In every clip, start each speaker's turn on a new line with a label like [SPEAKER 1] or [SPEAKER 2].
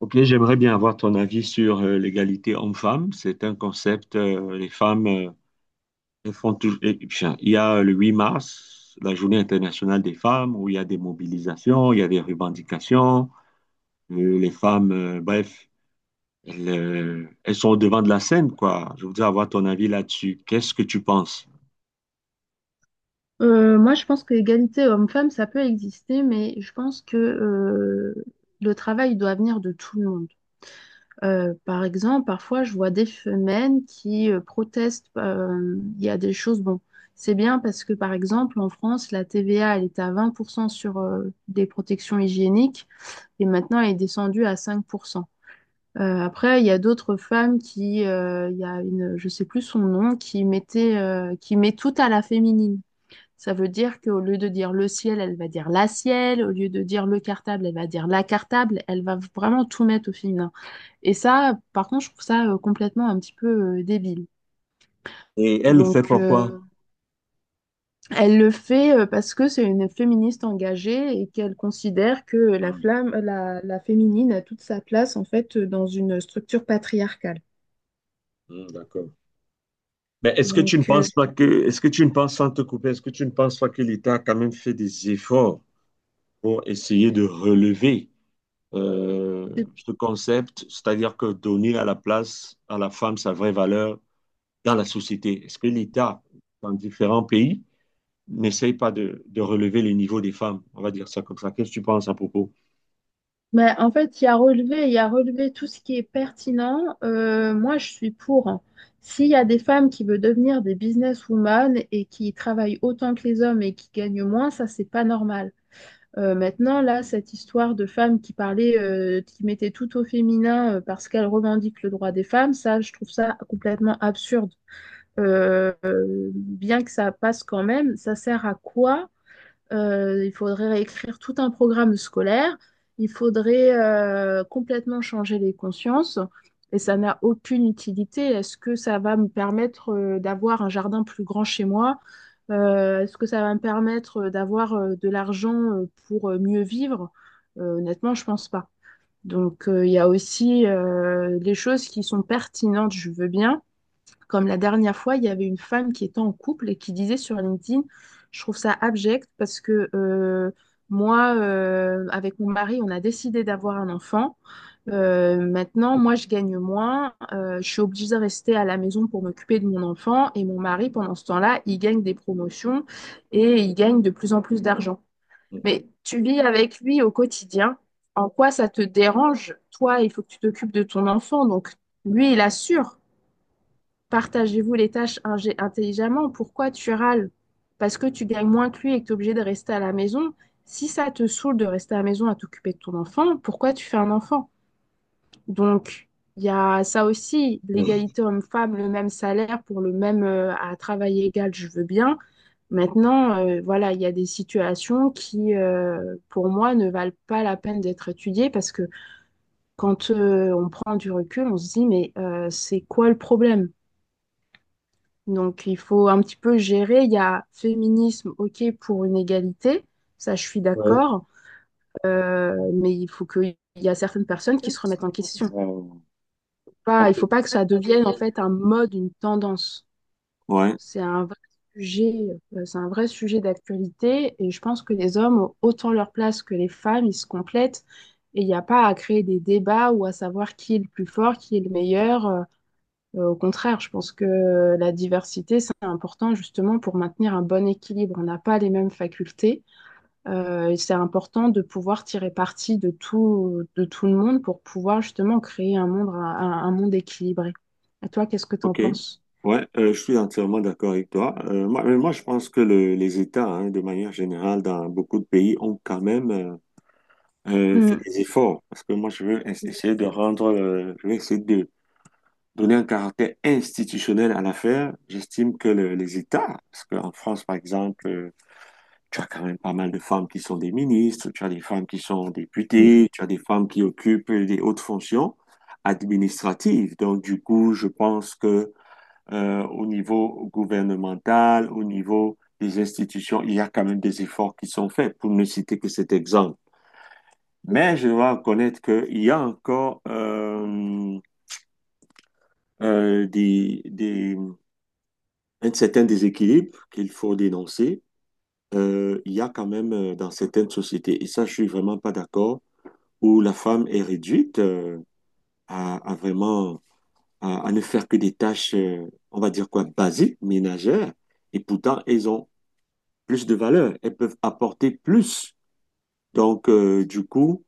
[SPEAKER 1] Ok, j'aimerais bien avoir ton avis sur l'égalité homme-femme. C'est un concept, les femmes. Elles font toujours. Il y a le 8 mars, la Journée internationale des femmes, où il y a des mobilisations, il y a des revendications. Les femmes, bref, elles, elles sont au devant de la scène, quoi. Je voudrais avoir ton avis là-dessus. Qu'est-ce que tu penses?
[SPEAKER 2] Moi, je pense que l'égalité homme-femme, ça peut exister, mais je pense que le travail doit venir de tout le monde. Par exemple, parfois, je vois des femmes qui protestent. Il y a des choses, bon, c'est bien parce que, par exemple, en France, la TVA, elle était à 20% sur des protections hygiéniques et maintenant, elle est descendue à 5%. Après, il y a d'autres femmes qui, il y a une, je sais plus son nom, qui mettait, qui met tout à la féminine. Ça veut dire qu'au lieu de dire le ciel, elle va dire la ciel. Au lieu de dire le cartable, elle va dire la cartable. Elle va vraiment tout mettre au féminin. Et ça, par contre, je trouve ça complètement un petit peu débile.
[SPEAKER 1] Et elle le fait
[SPEAKER 2] Donc,
[SPEAKER 1] pourquoi?
[SPEAKER 2] euh, Elle le fait parce que c'est une féministe engagée et qu'elle considère que la
[SPEAKER 1] Hmm,
[SPEAKER 2] flamme, la féminine a toute sa place en fait dans une structure patriarcale.
[SPEAKER 1] hmm, d'accord. Mais est-ce que tu ne
[SPEAKER 2] Donc,
[SPEAKER 1] penses pas que, est-ce que tu ne penses, sans te couper, est-ce que tu ne penses pas que l'État a quand même fait des efforts pour essayer de relever euh,
[SPEAKER 2] c'est
[SPEAKER 1] ce concept, c'est-à-dire que donner à la place à la femme sa vraie valeur dans la société. Est-ce que l'État, dans différents pays, n'essaye pas de relever le niveau des femmes? On va dire ça comme ça. Qu'est-ce que tu penses à propos?
[SPEAKER 2] Ben, en fait, il y a relevé, il y a relevé tout ce qui est pertinent. Moi, je suis pour, hein. S'il y a des femmes qui veulent devenir des businesswomen et qui travaillent autant que les hommes et qui gagnent moins, ça, c'est pas normal. Maintenant, là, cette histoire de femmes qui parlaient, qui mettaient tout au féminin parce qu'elles revendiquent le droit des femmes, ça, je trouve ça complètement absurde. Bien que ça passe quand même, ça sert à quoi? Il faudrait réécrire tout un programme scolaire. Il faudrait complètement changer les consciences. Et ça n'a aucune utilité. Est-ce que ça va me permettre d'avoir un jardin plus grand chez moi? Est-ce que ça va me permettre d'avoir de l'argent pour mieux vivre? Honnêtement, je pense pas. Il y a aussi les choses qui sont pertinentes, je veux bien, comme la dernière fois, il y avait une femme qui était en couple et qui disait sur LinkedIn, je trouve ça abject parce que moi, avec mon mari, on a décidé d'avoir un enfant. Maintenant, moi, je gagne moins. Je suis obligée de rester à la maison pour m'occuper de mon enfant. Et mon mari, pendant ce temps-là, il gagne des promotions et il gagne de plus en plus d'argent. Mais tu vis avec lui au quotidien. En quoi ça te dérange? Toi, il faut que tu t'occupes de ton enfant. Donc, lui, il assure. Partagez-vous les tâches intelligemment. Pourquoi tu râles? Parce que tu gagnes moins que lui et que tu es obligé de rester à la maison. Si ça te saoule de rester à la maison à t'occuper de ton enfant, pourquoi tu fais un enfant? Donc, il y a ça aussi, l'égalité homme-femme, le même salaire pour le même à travail égal, je veux bien. Maintenant, voilà, il y a des situations qui, pour moi, ne valent pas la peine d'être étudiées parce que quand on prend du recul, on se dit, mais c'est quoi le problème? Donc, il faut un petit peu gérer. Il y a féminisme, ok, pour une égalité, ça je suis
[SPEAKER 1] Ouais.
[SPEAKER 2] d'accord. Mais il faut qu'il y a certaines personnes qui se remettent en question.
[SPEAKER 1] Euh,
[SPEAKER 2] Pas, il
[SPEAKER 1] ok.
[SPEAKER 2] faut pas que ça devienne en fait un mode, une tendance.
[SPEAKER 1] Ouais,
[SPEAKER 2] C'est un vrai sujet, c'est un vrai sujet d'actualité et je pense que les hommes ont autant leur place que les femmes, ils se complètent et il n'y a pas à créer des débats ou à savoir qui est le plus fort, qui est le meilleur. Au contraire, je pense que la diversité, c'est important justement pour maintenir un bon équilibre. On n'a pas les mêmes facultés et c'est important de pouvoir tirer parti de tout le monde pour pouvoir justement créer un monde, un monde équilibré. Et toi, qu'est-ce que tu en
[SPEAKER 1] ok.
[SPEAKER 2] penses?
[SPEAKER 1] Ouais, je suis entièrement d'accord avec toi. Mais moi, je pense que le- les États, hein, de manière générale, dans beaucoup de pays, ont quand même fais
[SPEAKER 2] Mm.
[SPEAKER 1] des efforts parce que moi je veux ess-
[SPEAKER 2] Oui.
[SPEAKER 1] essayer de rendre, je veux essayer de donner un caractère institutionnel à l'affaire. J'estime que le- les États, parce qu'en France par exemple, tu as quand même pas mal de femmes qui sont des ministres, tu as des femmes qui sont députées, tu as des femmes qui occupent des hautes fonctions administratives. Donc du coup, je pense que au niveau gouvernemental, au niveau des institutions, il y a quand même des efforts qui sont faits, pour ne citer que cet exemple. Mais je dois reconnaître qu'il y a encore euh, des, des- un certain déséquilibre qu'il faut dénoncer. Il y a quand même dans certaines sociétés, et ça je suis vraiment pas d'accord, où la femme est réduite à vraiment à ne faire que des tâches, on va dire quoi, basiques, ménagères, et pourtant elles ont plus de valeur, elles peuvent apporter plus. Donc, du coup,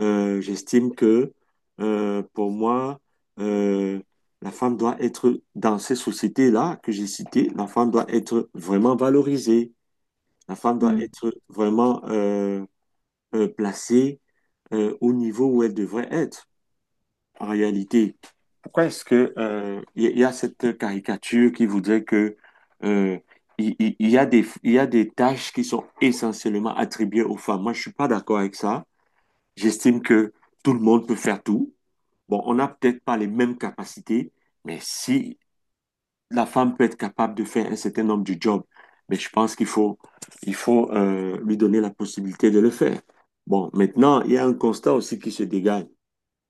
[SPEAKER 1] j'estime que pour moi, euh, la femme doit être, dans ces sociétés-là que j'ai citées, la femme doit être vraiment valorisée, la femme doit
[SPEAKER 2] Mm,
[SPEAKER 1] être vraiment placée au niveau où elle devrait être en réalité. Pourquoi est-ce que il y a cette caricature qui voudrait que euh, il y a des tâches qui sont essentiellement attribuées aux femmes. Moi, je suis pas d'accord avec ça. J'estime que tout le monde peut faire tout. Bon, on n'a peut-être pas les mêmes capacités, mais si la femme peut être capable de faire un certain nombre de jobs, mais je pense il faut lui donner la possibilité de le faire. Bon, maintenant, il y a un constat aussi qui se dégage.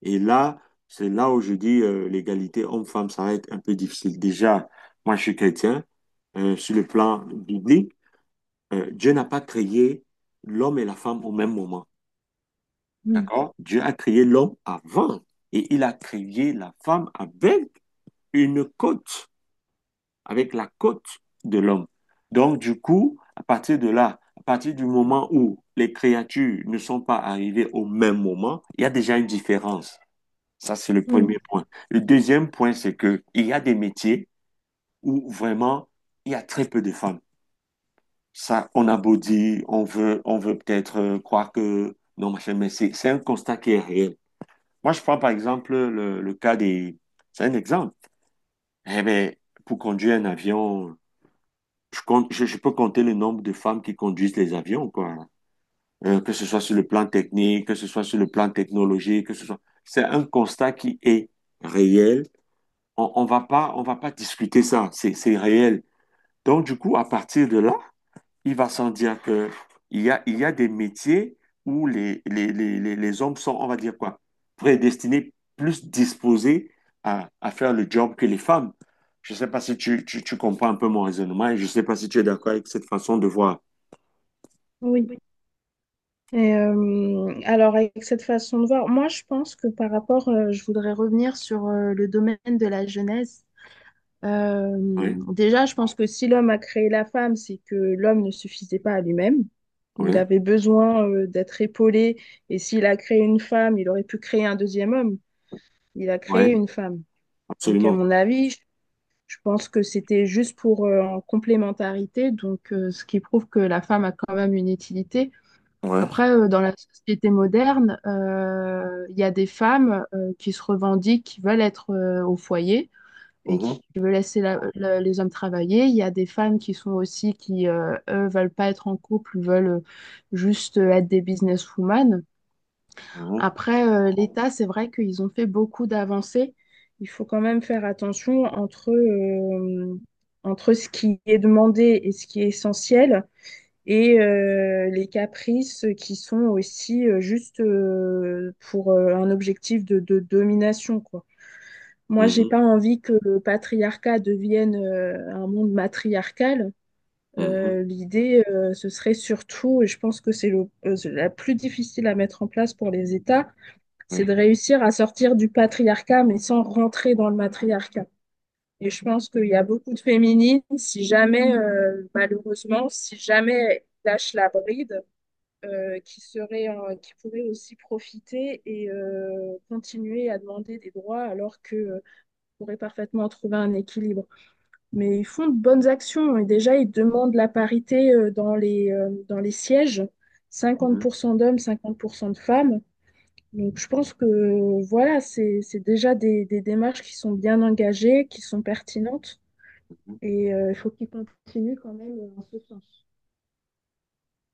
[SPEAKER 1] Et là, c'est là où je dis l'égalité homme-femme, ça va être un peu difficile. Déjà, moi, je suis chrétien. Sur le plan biblique, Dieu n'a pas créé l'homme et la femme au même moment.
[SPEAKER 2] mm,
[SPEAKER 1] D'accord? Dieu a créé l'homme avant et il a créé la femme avec une côte, avec la côte de l'homme. Donc, du coup, à partir de là, à partir du moment où les créatures ne sont pas arrivées au même moment, il y a déjà une différence. Ça, c'est le
[SPEAKER 2] mm.
[SPEAKER 1] premier point. Le deuxième point, c'est que il y a des métiers où vraiment il y a très peu de femmes. Ça, on a beau dire, on veut peut-être croire que non, machin, mais c'est un constat qui est réel. Moi, je prends par exemple le cas des... C'est un exemple. Eh bien, pour conduire un avion, je peux compter le nombre de femmes qui conduisent les avions, quoi. Que ce soit sur le plan technique, que ce soit sur le plan technologique, que ce soit... C'est un constat qui est réel. On va pas discuter ça. C'est réel. Donc, du coup, à partir de là, il va sans dire que il y a des métiers où les hommes sont, on va dire quoi, prédestinés, plus à faire le job que les femmes. Je ne sais pas si tu comprends un peu mon raisonnement et je ne sais pas si tu es d'accord avec cette façon de voir.
[SPEAKER 2] Oui. Alors, avec cette façon de voir, moi, je pense que par rapport, je voudrais revenir sur le domaine de la jeunesse. Euh,
[SPEAKER 1] Oui,
[SPEAKER 2] Déjà, je pense que si l'homme a créé la femme, c'est que l'homme ne suffisait pas à lui-même. Il
[SPEAKER 1] oui,
[SPEAKER 2] avait besoin d'être épaulé. Et s'il a créé une femme, il aurait pu créer un deuxième homme. Il a
[SPEAKER 1] oui,
[SPEAKER 2] créé une femme. Donc, à
[SPEAKER 1] absolument.
[SPEAKER 2] mon avis, je pense que c'était juste pour en complémentarité. Donc, ce qui prouve que la femme a quand même une utilité.
[SPEAKER 1] Oui.
[SPEAKER 2] Après, dans la société moderne, il y a des femmes qui se revendiquent, qui veulent être au foyer et
[SPEAKER 1] Mhm,
[SPEAKER 2] qui veut laisser les hommes travailler. Il y a des femmes qui sont aussi, qui, eux, veulent pas être en couple, veulent juste être des businesswomen.
[SPEAKER 1] mhm,
[SPEAKER 2] Après, l'État, c'est vrai qu'ils ont fait beaucoup d'avancées. Il faut quand même faire attention entre, entre ce qui est demandé et ce qui est essentiel. Et les caprices qui sont aussi juste pour un objectif de domination, quoi. Moi, j'ai pas envie que le patriarcat devienne un monde matriarcal.
[SPEAKER 1] mhm, mhm,
[SPEAKER 2] L'idée, ce serait surtout, et je pense que c'est le, c'est la plus difficile à mettre en place pour les États, c'est
[SPEAKER 1] oui.
[SPEAKER 2] de réussir à sortir du patriarcat, mais sans rentrer dans le matriarcat. Et je pense qu'il y a beaucoup de féminines, si jamais, malheureusement, si jamais elles lâchent la bride, qui seraient, qui pourraient aussi profiter et continuer à demander des droits alors que pourrait parfaitement trouver un équilibre. Mais ils font de bonnes actions et déjà, ils demandent la parité dans les sièges,
[SPEAKER 1] Mhm,
[SPEAKER 2] 50% d'hommes, 50% de femmes. Donc, je pense que voilà, c'est déjà des démarches qui sont bien engagées, qui sont pertinentes
[SPEAKER 1] mhm.
[SPEAKER 2] et il faut qu'ils continuent quand même en ce sens.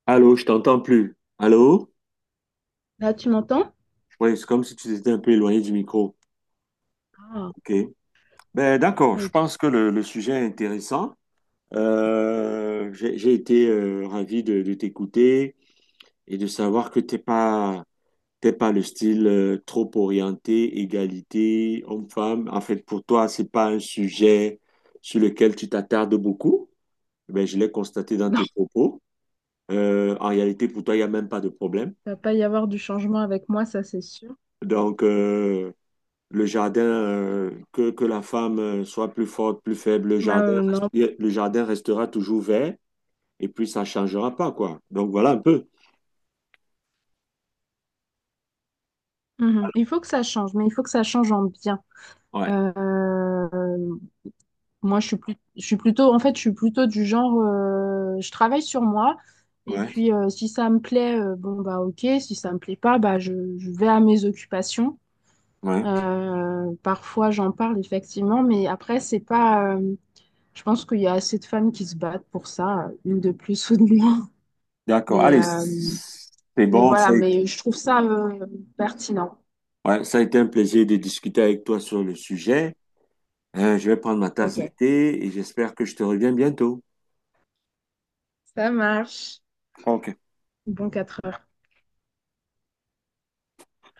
[SPEAKER 1] Allô, je t'entends plus. Allô?
[SPEAKER 2] Là, tu m'entends?
[SPEAKER 1] Oui, c'est comme si tu étais un peu éloigné du micro.
[SPEAKER 2] Ah,
[SPEAKER 1] OK. Ben, d'accord,
[SPEAKER 2] euh,
[SPEAKER 1] je
[SPEAKER 2] tu-
[SPEAKER 1] pense que le sujet est intéressant. J'ai été ravi de t'écouter et de savoir que t'es pas le style trop orienté égalité homme-femme. En fait, pour toi, c'est pas un sujet sur lequel tu t'attardes beaucoup. Ben, je l'ai constaté dans
[SPEAKER 2] non,
[SPEAKER 1] tes propos. En réalité, pour toi, il y a même pas de problème.
[SPEAKER 2] ça va pas y avoir du changement avec moi, ça c'est sûr.
[SPEAKER 1] Donc, le jardin, que la femme soit plus forte, plus faible, le jardin,
[SPEAKER 2] Non.
[SPEAKER 1] le jardin restera toujours vert et puis ça changera pas, quoi. Donc, voilà un peu.
[SPEAKER 2] Mhm. Il faut que ça change, mais il faut que ça change en bien.
[SPEAKER 1] Ouais.
[SPEAKER 2] Euh, Moi, je suis plutôt, en fait, je suis plutôt du genre, je travaille sur moi. Et
[SPEAKER 1] Ouais,
[SPEAKER 2] puis, si ça me plaît, bon, bah, ok. Si ça me plaît pas, bah, je vais à mes occupations.
[SPEAKER 1] ouais.
[SPEAKER 2] Parfois, j'en parle, effectivement. Mais après, c'est pas, je pense qu'il y a assez de femmes qui se battent pour ça, une de plus ou de moins.
[SPEAKER 1] D'accord.
[SPEAKER 2] Mais,
[SPEAKER 1] Allez,
[SPEAKER 2] euh,
[SPEAKER 1] c'est
[SPEAKER 2] mais
[SPEAKER 1] bon.
[SPEAKER 2] voilà, mais je trouve ça, pertinent.
[SPEAKER 1] Ouais, ça a été un plaisir de discuter avec toi sur le sujet. Je vais prendre ma tasse
[SPEAKER 2] Ok,
[SPEAKER 1] de thé et j'espère que je te reviens bientôt.
[SPEAKER 2] ça marche.
[SPEAKER 1] OK.
[SPEAKER 2] Bon, 4 heures.